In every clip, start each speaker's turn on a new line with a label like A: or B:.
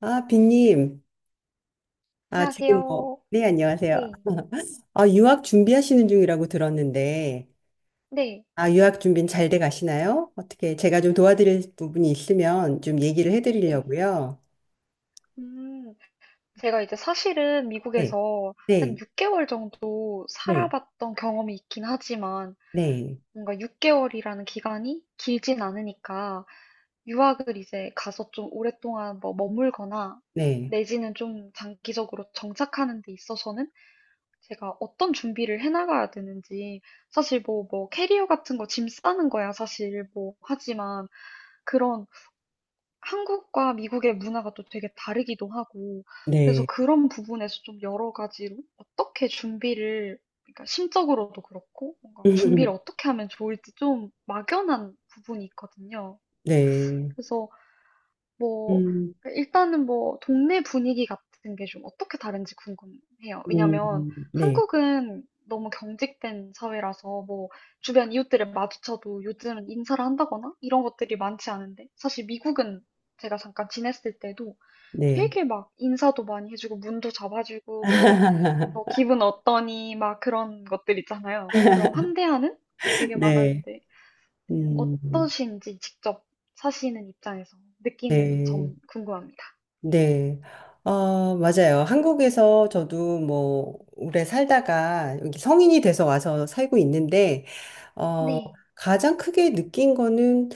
A: 아, 빈님. 아, 지금 뭐,
B: 안녕하세요.
A: 네, 안녕하세요.
B: 네,
A: 아, 유학 준비하시는 중이라고 들었는데,
B: 네,
A: 아,
B: 네,
A: 유학 준비는 잘 돼 가시나요? 어떻게, 제가 좀 도와드릴 부분이 있으면 좀 얘기를
B: 네.
A: 해드리려고요.
B: 음, 제가 이제 사실은
A: 네,
B: 미국에서 한
A: 네,
B: 6개월 정도
A: 네,
B: 살아봤던 경험이 있긴 하지만
A: 네,
B: 뭔가 6개월이라는 기간이 길진 않으니까 유학을 이제 가서 좀 오랫동안 뭐 머물거나
A: 네,
B: 내지는 좀 장기적으로 정착하는 데 있어서는 제가 어떤 준비를 해나가야 되는지 사실 뭐 캐리어 같은 거 짐 싸는 거야 사실 뭐 하지만 그런 한국과 미국의 문화가 또 되게 다르기도 하고, 그래서
A: 네,
B: 그런 부분에서 좀 여러 가지로 어떻게 준비를, 그러니까 심적으로도 그렇고, 뭔가 준비를 어떻게 하면 좋을지 좀 막연한 부분이 있거든요.
A: 네,
B: 그래서 뭐
A: 음,
B: 일단은 뭐 동네 분위기 같은 게 좀 어떻게 다른지 궁금해요. 왜냐면
A: 네,
B: 한국은 너무 경직된 사회라서 뭐 주변 이웃들을 마주쳐도 요즘은 인사를 한다거나 이런 것들이 많지 않은데 사실 미국은 제가 잠깐 지냈을 때도
A: 네,
B: 되게 막 인사도 많이 해주고 문도 잡아주고 뭐, 뭐 기분 어떠니 막 그런 것들 있잖아요. 그런 환대하는 게 되게
A: 네,
B: 많았는데 네,
A: 음,
B: 어떠신지 직접 사시는 입장에서 느끼는
A: 네.
B: 점 궁금합니다.
A: 네. 아, 맞아요. 한국에서 저도 뭐, 오래 살다가 여기 성인이 돼서 와서 살고 있는데, 어,
B: 네.
A: 가장 크게 느낀 거는,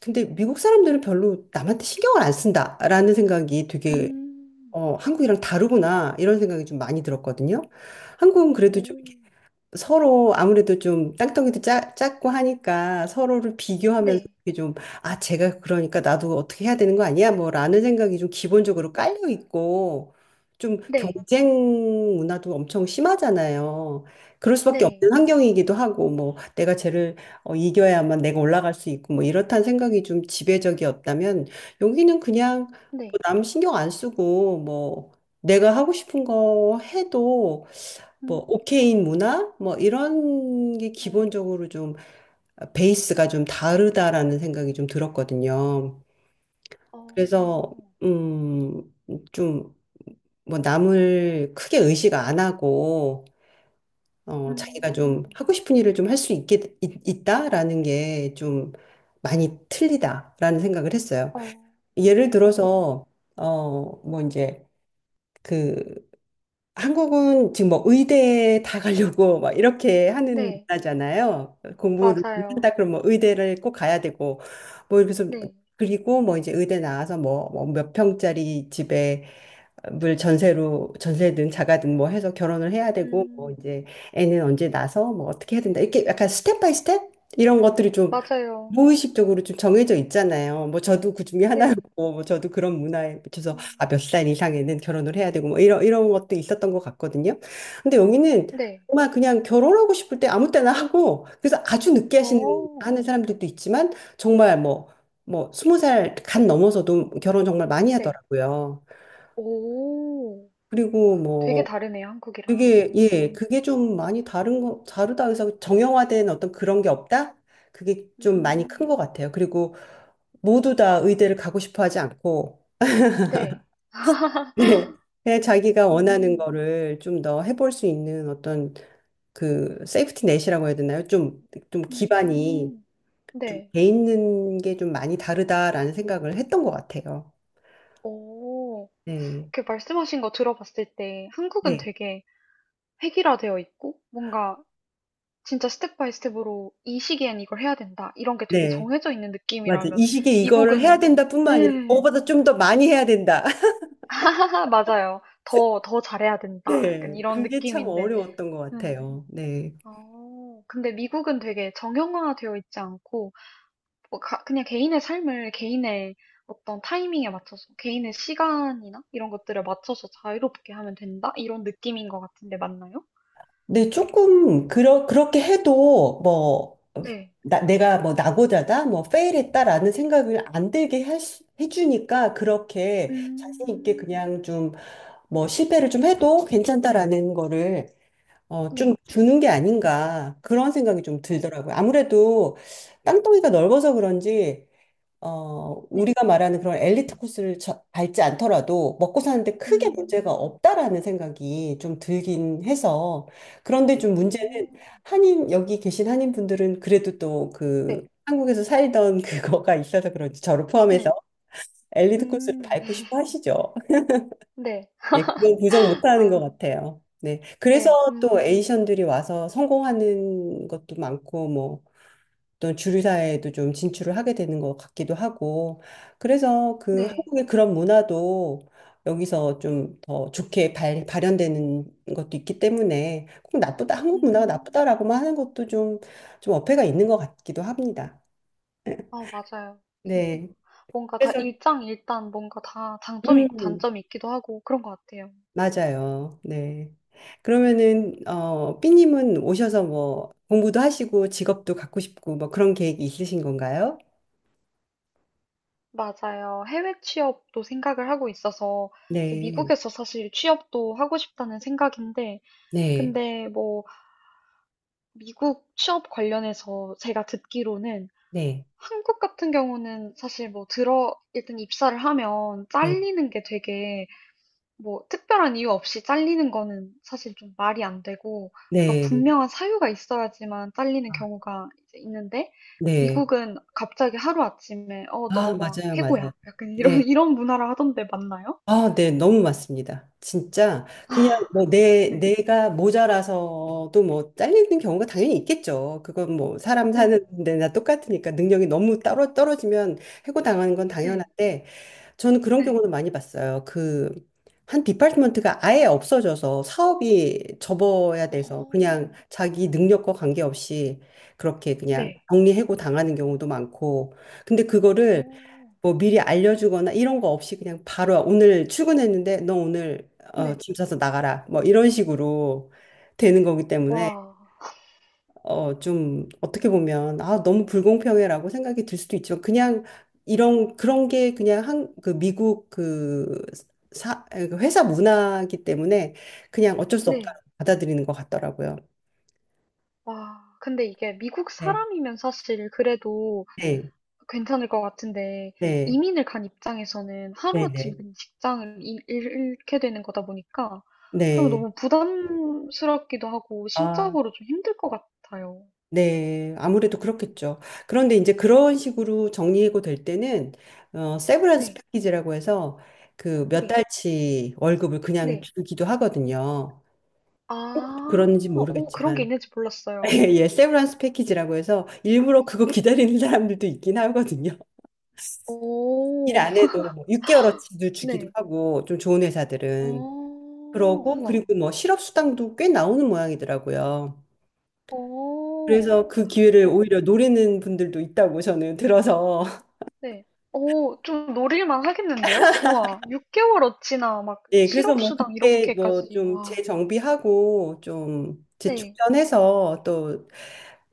A: 근데 미국 사람들은 별로 남한테 신경을 안 쓴다라는 생각이 되게,
B: 음.
A: 한국이랑 다르구나, 이런 생각이 좀 많이 들었거든요. 한국은 그래도 좀
B: 오.
A: 서로 아무래도 좀 땅덩이도 작고 하니까 서로를 비교하면서
B: 네.
A: 이게 좀, 아, 제가 그러니까 나도 어떻게 해야 되는 거 아니야? 뭐 라는 생각이 좀 기본적으로 깔려 있고 좀
B: 네.
A: 경쟁 문화도 엄청 심하잖아요. 그럴 수밖에 없는
B: 네.
A: 환경이기도 하고 뭐 내가 쟤를 이겨야만 내가 올라갈 수 있고 뭐 이렇다는 생각이 좀 지배적이었다면 여기는 그냥
B: 네.
A: 뭐남 신경 안 쓰고 뭐 내가 하고 싶은 거 해도 뭐
B: 음.
A: 오케인 문화 뭐 이런 게
B: 어.
A: 기본적으로 좀 베이스가 좀 다르다라는 생각이 좀 들었거든요.
B: 어.
A: 그래서 음좀 뭐 남을 크게 의식 안 하고 자기가 좀
B: 음.
A: 하고 싶은 일을 좀 할 수 있다라는 게 좀 많이 틀리다라는 생각을 했어요.
B: 어.
A: 예를
B: 어.
A: 들어서 뭐 이제 그 한국은 지금 뭐 의대에 다 가려고 막 이렇게 하는
B: 네.
A: 나라잖아요. 공부를 좀 한다
B: 맞아요.
A: 그러면 뭐 의대를 꼭 가야 되고 뭐 이래서
B: 네.
A: 그리고 뭐 이제 의대 나와서 뭐 몇 평짜리 집에 물 전세로 전세든 자가든 뭐 해서 결혼을 해야 되고 뭐
B: 음.
A: 이제 애는 언제 낳아서 뭐 어떻게 해야 된다 이렇게 약간 스텝 바이 스텝 이런 것들이 좀
B: 맞아요.
A: 무의식적으로 좀 정해져 있잖아요. 뭐 저도 그 중에
B: 네.
A: 하나였고, 뭐 저도 그런 문화에 비춰서 아,
B: 음.
A: 몇 살 이상에는 결혼을 해야 되고, 뭐 이런 것도 있었던 것 같거든요. 근데 여기는
B: 네.
A: 정말 그냥 결혼하고 싶을 때 아무 때나 하고, 그래서 아주 늦게 하시는,
B: 어.
A: 하는 사람들도 있지만, 정말 뭐, 뭐, 20살 간 넘어서도 결혼 정말 많이
B: 네.
A: 하더라고요.
B: 오.
A: 그리고
B: 되게
A: 뭐,
B: 다르네요, 한국이랑.
A: 그게, 예,
B: 음.
A: 그게 좀 많이 다르다 해서 정형화된 어떤 그런 게 없다? 그게 좀 많이 큰 것
B: 음.
A: 같아요. 그리고 모두 다 의대를 가고 싶어 하지 않고,
B: 네.
A: 예 그냥 자기가 원하는
B: 음.
A: 거를 좀 더 해볼 수 있는 어떤 그 세이프티 넷이라고 해야 되나요? 좀 기반이
B: 음.
A: 좀
B: 네.
A: 돼 있는 게 좀 많이 다르다라는 생각을 했던 것 같아요.
B: 오,
A: 네,
B: 그 말씀하신 거 들어봤을 때 한국은
A: 네,
B: 되게 획일화되어 있고 뭔가 진짜 스텝 바이 스텝으로 이 시기엔 이걸 해야 된다. 이런 게 되게
A: 네.
B: 정해져 있는
A: 맞아.
B: 느낌이라면
A: 이 시기에 이거를 해야
B: 미국은
A: 된다 뿐만 아니라
B: 음.
A: 그거보다 좀 더 많이 해야 된다.
B: 맞아요. 더 잘해야 된다. 약간
A: 네,
B: 이런
A: 그게 참
B: 느낌인데.
A: 어려웠던 것
B: 음.
A: 같아요. 네.
B: 어. 근데 미국은 되게 정형화되어 있지 않고 그냥 개인의 삶을 개인의 어떤 타이밍에 맞춰서, 개인의 시간이나 이런 것들을 맞춰서 자유롭게 하면 된다? 이런 느낌인 것 같은데 맞나요?
A: 근데 조금 그렇게 해도 뭐 어,
B: 네.
A: 내가 뭐 낙오자다 뭐 페일했다라는 생각을 안 들게 해주니까 그렇게 자신 있게
B: 음,
A: 그냥 좀 뭐 실패를 좀 해도 괜찮다라는 거를 좀
B: 네.
A: 주는 게 아닌가 그런 생각이 좀
B: 어,
A: 들더라고요. 아무래도 땅덩이가 넓어서 그런지
B: 네.
A: 우리가 말하는 그런 엘리트 코스를 밟지 않더라도 먹고 사는데 크게 문제가
B: 음,
A: 없다라는 생각이 좀 들긴 해서 그런데 좀 문제는
B: 오,
A: 한인 여기 계신 한인 분들은 그래도 또 그
B: 네.
A: 한국에서 살던 그거가 있어서 그런지 저를 포함해서
B: 네.
A: 엘리트 코스를
B: 음,
A: 밟고 싶어 하시죠.
B: 네.
A: 예, 그건 부정 못하는 것
B: 아,
A: 같아요. 네, 그래서
B: 네.
A: 또 에이션들이 와서 성공하는 것도 많고 뭐, 또 주류 사회에도 좀 진출을 하게 되는 것 같기도 하고 그래서 그
B: 네.
A: 한국의 그런 문화도 여기서 좀 더 좋게 발현되는 것도 있기 때문에 꼭 나쁘다 한국 문화가
B: 음,
A: 나쁘다라고만 하는 것도 좀 좀 어폐가 있는 것 같기도 합니다.
B: 아, 맞아요. 진짜.
A: 네.
B: 뭔가 다
A: 그래서
B: 일장일단 뭔가 다 장점이 있고
A: 음
B: 단점이 있기도 하고 그런 것 같아요.
A: 맞아요. 네. 그러면은 어 삐님은 오셔서 뭐 공부도 하시고 직업도 갖고 싶고 뭐 그런 계획이 있으신 건가요?
B: 맞아요. 해외 취업도 생각을 하고 있어서 이제
A: 네.
B: 미국에서 사실 취업도 하고 싶다는 생각인데,
A: 네.
B: 근데 뭐 미국 취업 관련해서 제가 듣기로는
A: 네.
B: 한국 같은 경우는 사실 뭐 들어 일단 입사를 하면
A: 네.
B: 잘리는 게 되게 뭐 특별한 이유 없이 잘리는 거는 사실 좀 말이 안 되고 그러니까
A: 네.
B: 분명한 사유가 있어야지만 잘리는
A: 아,
B: 경우가 이제 있는데
A: 네.
B: 미국은 갑자기 하루아침에 어,
A: 아,
B: 너 막
A: 맞아요, 맞아요.
B: 해고야. 약간 이런
A: 네.
B: 이런 문화라 하던데 맞나요?
A: 아, 네. 너무 맞습니다. 진짜 그냥 뭐 내,
B: 네.
A: 내가 모자라서도 뭐 잘리는 경우가 당연히 있겠죠. 그건 뭐 사람 사는
B: 네.
A: 데나 똑같으니까 능력이 너무 따로 떨어지면 해고당하는 건
B: 네.
A: 당연한데 저는 그런
B: 네.
A: 경우는 많이 봤어요. 그, 한 디파트먼트가 아예 없어져서 사업이 접어야 돼서
B: 어,
A: 그냥 자기 능력과 관계없이 그렇게 그냥
B: 네.
A: 정리해고 당하는 경우도 많고. 근데 그거를
B: 어,
A: 뭐 미리 알려주거나 이런 거 없이 그냥 바로 오늘 출근했는데 너 오늘
B: 네.
A: 짐 싸서 나가라. 뭐 이런 식으로 되는 거기 때문에
B: 와.
A: 좀 어떻게 보면 아, 너무 불공평해라고 생각이 들 수도 있지만 그냥 이런 그런 게 그냥 한 그 미국 그 그 회사 문화이기 때문에 그냥 어쩔 수
B: 네.
A: 없다고 받아들이는 것 같더라고요.
B: 와. 근데 이게 미국
A: 네.
B: 사람이면 사실 그래도
A: 네.
B: 괜찮을 것 같은데
A: 네.
B: 이민을 간 입장에서는
A: 네.
B: 하루아침에
A: 네.
B: 그냥 잃게 되는 거다 보니까 그럼
A: 네.
B: 너무 부담스럽기도 하고
A: 아,
B: 심적으로 좀 힘들 것 같아요.
A: 네. 아무래도 그렇겠죠. 그런데 이제 그런 식으로 정리해고 될 때는 세브란스
B: 네,
A: 패키지라고 해서 그 몇
B: 네,
A: 달치 월급을 그냥
B: 네.
A: 주기도 하거든요.
B: 아,
A: 그런지
B: 오, 그런 게
A: 모르겠지만
B: 있는지
A: 예,
B: 몰랐어요.
A: 예, 세브란스 패키지라고 해서 일부러 그거 기다리는 사람들도 있긴 하거든요. 일
B: 오,
A: 안 해도 뭐 6개월어치도 주기도
B: 네.
A: 하고 좀 좋은 회사들은
B: 오오...
A: 그러고
B: 우와.
A: 그리고 뭐 실업 수당도 꽤 나오는 모양이더라고요.
B: 오
A: 그래서 그 기회를
B: 우와.
A: 오히려 노리는 분들도 있다고 저는 들어서
B: 네. 오, 좀 노릴만 하겠는데요? 우와. 6개월 어치나 막
A: 예, 그래서 뭐
B: 실업수당
A: 그때 뭐
B: 이렇게까지.
A: 좀
B: 와.
A: 재정비하고 좀
B: 네.
A: 재충전해서 또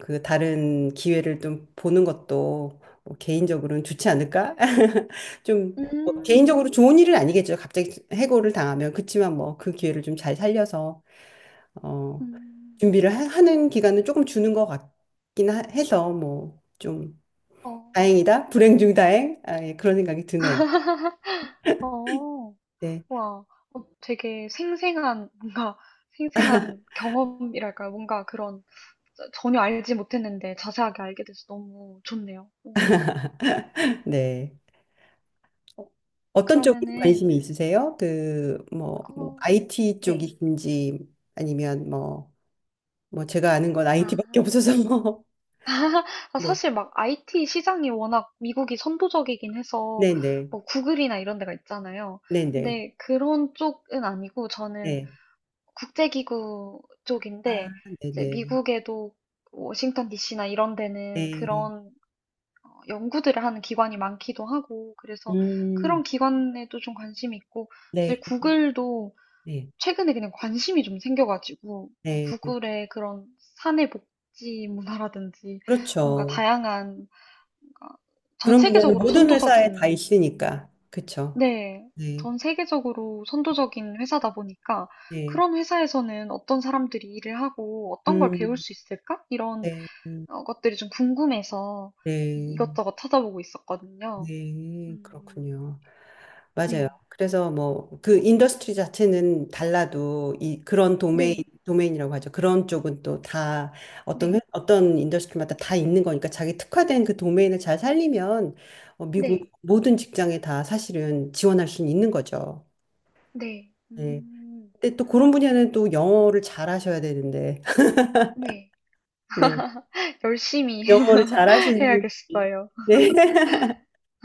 A: 그 다른 기회를 좀 보는 것도 뭐 개인적으로는 좋지 않을까? 좀뭐
B: 음.
A: 개인적으로 좋은 일은 아니겠죠. 갑자기 해고를 당하면. 그치만 뭐 그 기회를 좀 잘 살려서 어,
B: 음.
A: 준비를 하는 기간은 조금 주는 것 같긴 해서 뭐 좀
B: 어.
A: 다행이다. 불행 중 다행. 아, 예, 그런 생각이 드네요.
B: 어.
A: 네.
B: 와. 어 되게 생생한 뭔가 생생한 경험이랄까요? 뭔가 그런 저 전혀 알지 못했는데 자세하게 알게 돼서 너무 좋네요. 음.
A: 네. 어떤 쪽으로
B: 그러면은
A: 관심이 있으세요? 그, 뭐, 뭐,
B: 어
A: IT
B: 네.
A: 쪽이신지 아니면 뭐, 뭐, 제가 아는 건
B: 아.
A: IT밖에 없어서 뭐. 네,
B: 사실 막 IT 시장이 워낙 미국이 선도적이긴 해서
A: 네네,
B: 뭐 구글이나 이런 데가 있잖아요.
A: 네네,
B: 근데 그런 쪽은 아니고 저는
A: 네.
B: 국제기구 쪽인데
A: 아,
B: 이제
A: 네네,
B: 미국에도 워싱턴 DC나 이런 데는
A: 네.
B: 그런 어, 연구들을 하는 기관이 많기도 하고 그래서
A: 음,
B: 그런 기관에도 좀 관심이 있고 사실
A: 네,
B: 구글도
A: 네,
B: 최근에 그냥 관심이 좀 생겨가지고 그냥
A: 네.
B: 구글의 그런 사내 복지 문화라든지 뭔가
A: 그렇죠.
B: 다양한 뭔가 전
A: 그런 분야는
B: 세계적으로
A: 모든 회사에 다
B: 선도적인 음,
A: 있으니까. 그렇죠.
B: 네.
A: 네,
B: 전 세계적으로 선도적인 회사다 보니까
A: 네.
B: 그런 회사에서는 어떤 사람들이 일을 하고 어떤 걸 배울
A: 음,
B: 수 있을까? 이런
A: 네,
B: 어, 것들이 좀 궁금해서
A: 네,
B: 이것저것 찾아보고 있었거든요.
A: 네.
B: 음,
A: 그렇군요. 맞아요.
B: 네.
A: 그래서 뭐 그 인더스트리 자체는 달라도 이 그런 도메인
B: 네.
A: 도메인이라고 하죠. 그런 쪽은 또 다
B: 네.
A: 어떤 인더스트리마다 다 있는 거니까 자기 특화된 그 도메인을 잘 살리면 미국
B: 네.
A: 모든 직장에 다 사실은 지원할 수는 있는 거죠.
B: 네.
A: 네. 근데 또 그런 분야는 또 영어를 잘 하셔야 되는데
B: 네.
A: 네.
B: 열심히
A: 영어를 잘 하시는 분이-
B: 해야겠어요.
A: 네.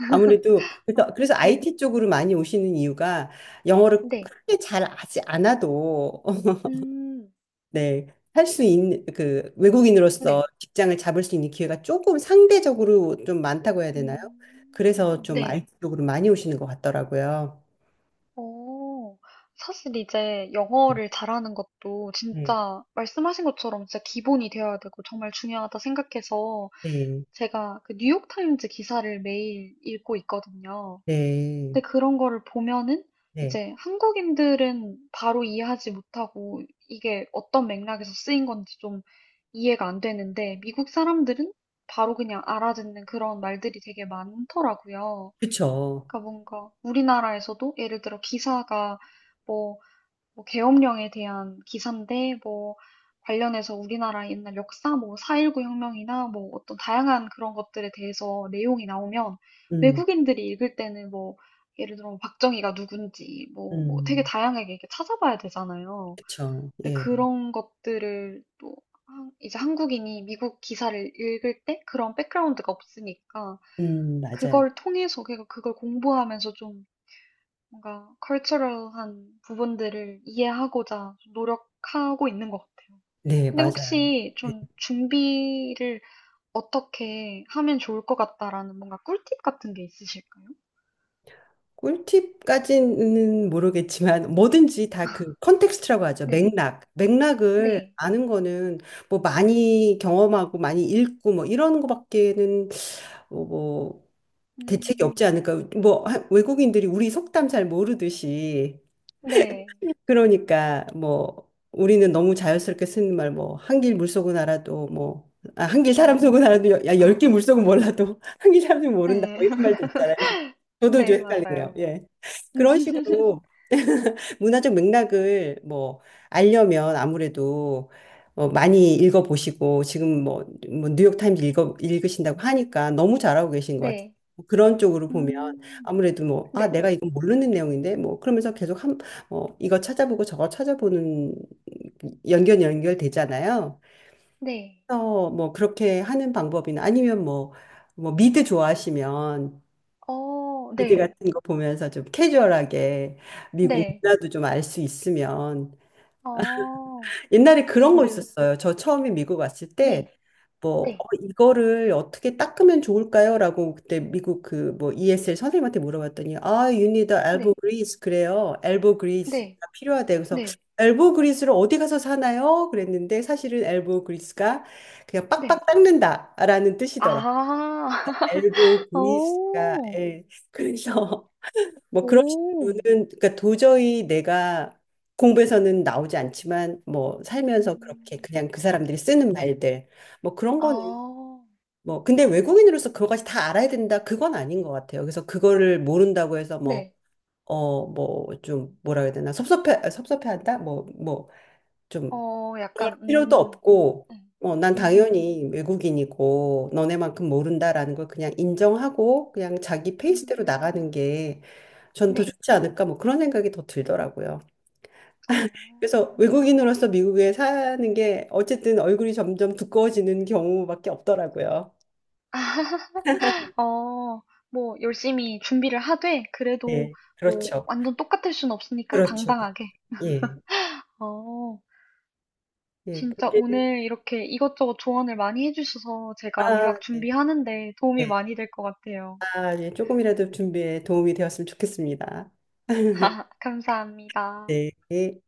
A: 아무래도 그래서
B: 아,
A: 그래서
B: 네.
A: IT 쪽으로 많이 오시는 이유가 영어를
B: 네.
A: 크게 잘 하지 않아도 어
B: 음,
A: 네, 할 수 있는 그 외국인으로서
B: 네.
A: 직장을 잡을 수 있는 기회가 조금 상대적으로 좀 많다고 해야 되나요? 그래서 좀알
B: 네.
A: t 쪽으로 많이 오시는 것 같더라고요.
B: 어, 사실 이제 영어를 잘하는 것도
A: 네,
B: 진짜 말씀하신 것처럼 진짜 기본이 되어야 되고 정말 중요하다 생각해서
A: 네,
B: 제가 그 뉴욕타임즈 기사를 매일 읽고 있거든요.
A: 네,
B: 근데 그런 거를 보면은
A: 네,
B: 이제 한국인들은 바로 이해하지 못하고 이게 어떤 맥락에서 쓰인 건지 좀 이해가 안 되는데 미국 사람들은 바로 그냥 알아듣는 그런 말들이 되게 많더라고요.
A: 그쵸.
B: 그러니까 뭔가 우리나라에서도 예를 들어 기사가 뭐, 뭐 계엄령에 대한 기사인데 뭐 관련해서 우리나라 옛날 역사 뭐 4.19 혁명이나 뭐 어떤 다양한 그런 것들에 대해서 내용이 나오면
A: 음,
B: 외국인들이 읽을 때는 뭐 예를 들어 뭐 박정희가 누군지 뭐, 뭐 되게
A: 음,
B: 다양하게 이렇게 찾아봐야 되잖아요.
A: 그쵸.
B: 근데
A: 예,
B: 그런 것들을 또 이제 한국인이 미국 기사를 읽을 때 그런 백그라운드가 없으니까
A: 맞아요.
B: 그걸 통해서 그러니까 그걸 공부하면서 좀 뭔가 컬처럴한 부분들을 이해하고자 좀 노력하고 있는 것 같아요.
A: 네,
B: 근데
A: 맞아요.
B: 혹시
A: 네.
B: 좀 준비를 어떻게 하면 좋을 것 같다라는 뭔가 꿀팁 같은 게 있으실까요?
A: 꿀팁까지는 모르겠지만
B: 음,
A: 뭐든지 다 그 컨텍스트라고 하죠.
B: 네,
A: 맥락. 맥락을
B: 네,
A: 아는 거는 뭐 많이 경험하고 많이 읽고 뭐 이런 거밖에는 뭐, 뭐 대책이
B: 음,
A: 없지 않을까. 뭐 외국인들이 우리 속담 잘 모르듯이
B: 네,
A: 그러니까 뭐 우리는 너무 자연스럽게 쓰는 말 뭐 한길 물속은 알아도 뭐 아, 한길 사람
B: 네,
A: 속은 알아도 야,
B: 어.
A: 열길 물속은 몰라도 한길 사람 속은 모른다
B: 네.
A: 뭐 이런 말들 저도 좀
B: 네,
A: 헷갈리네요.
B: 맞아요.
A: 예. 그런 식으로 문화적 맥락을 뭐 알려면 아무래도 많이 읽어보시고 지금 뭐, 뭐 뉴욕타임즈 읽으신다고 하니까 너무 잘하고 계신 것 같아요.
B: 네.
A: 뭐 그런 쪽으로 보면
B: 음.
A: 아무래도 뭐, 아,
B: 네.
A: 내가 이건 모르는 내용인데 뭐 그러면서 계속 한, 이거 찾아보고 저거 찾아보는 연결 연결되잖아요.
B: 네.
A: 그래서 뭐 그렇게 하는 방법이나 아니면 뭐, 뭐 미드 좋아하시면
B: 어,
A: 미드
B: 네.
A: 같은 거 보면서 좀 캐주얼하게 미국
B: 네.
A: 문화도 좀 알 수 있으면
B: 어,
A: 옛날에 그런 거
B: 미드.
A: 있었어요. 저 처음에 미국 왔을
B: 네.
A: 때 뭐,
B: 네.
A: 이거를 어떻게 닦으면 좋을까요? 라고 그때 미국 그 뭐 ESL 선생님한테 물어봤더니, 아, you need a elbow
B: 네.
A: grease. 그래요. elbow grease가
B: 네.
A: 필요하대요. 그래서
B: 네.
A: elbow grease를 어디 가서 사나요? 그랬는데 사실은 elbow grease가 그냥
B: 네.
A: 빡빡 닦는다라는 뜻이더라고요.
B: 아.
A: elbow grease가,
B: 오.
A: 예. 그래서 뭐 그런
B: 오.
A: 식으로는 그러니까 도저히 내가 공부에서는 나오지 않지만 뭐 살면서 그렇게
B: 음.
A: 그냥 그 사람들이 쓰는 말들 뭐 그런 거는
B: 아.
A: 뭐 근데 외국인으로서 그거까지 다 알아야 된다 그건 아닌 것 같아요. 그래서 그거를 모른다고 해서 뭐
B: 네.
A: 뭐 좀 뭐라 해야 되나 섭섭해한다 뭐뭐좀
B: 어,
A: 그럴
B: 약간
A: 필요도 없고,
B: 네.
A: 난
B: 음.
A: 당연히 외국인이고 너네만큼 모른다라는 걸 그냥 인정하고 그냥 자기 페이스대로
B: 음.
A: 나가는 게 전 더
B: 네.
A: 좋지 않을까 뭐 그런 생각이 더 들더라고요.
B: 어.
A: 그래서 외국인으로서 미국에 사는 게 어쨌든 얼굴이 점점 두꺼워지는 경우밖에 없더라고요.
B: 어, 뭐, 열심히 준비를 하되, 그래도
A: 네,
B: 뭐,
A: 그렇죠.
B: 완전 똑같을 순 없으니까
A: 그렇죠.
B: 당당하게.
A: 예.
B: 어,
A: 예,
B: 진짜
A: 그게
B: 오늘 이렇게 이것저것 조언을 많이 해주셔서 제가
A: 아,
B: 유학
A: 네,
B: 준비하는데 도움이
A: 네.
B: 많이 될 것 같아요.
A: 아, 예, 조금이라도 준비에 도움이 되었으면 좋겠습니다.
B: 감사합니다.
A: 네.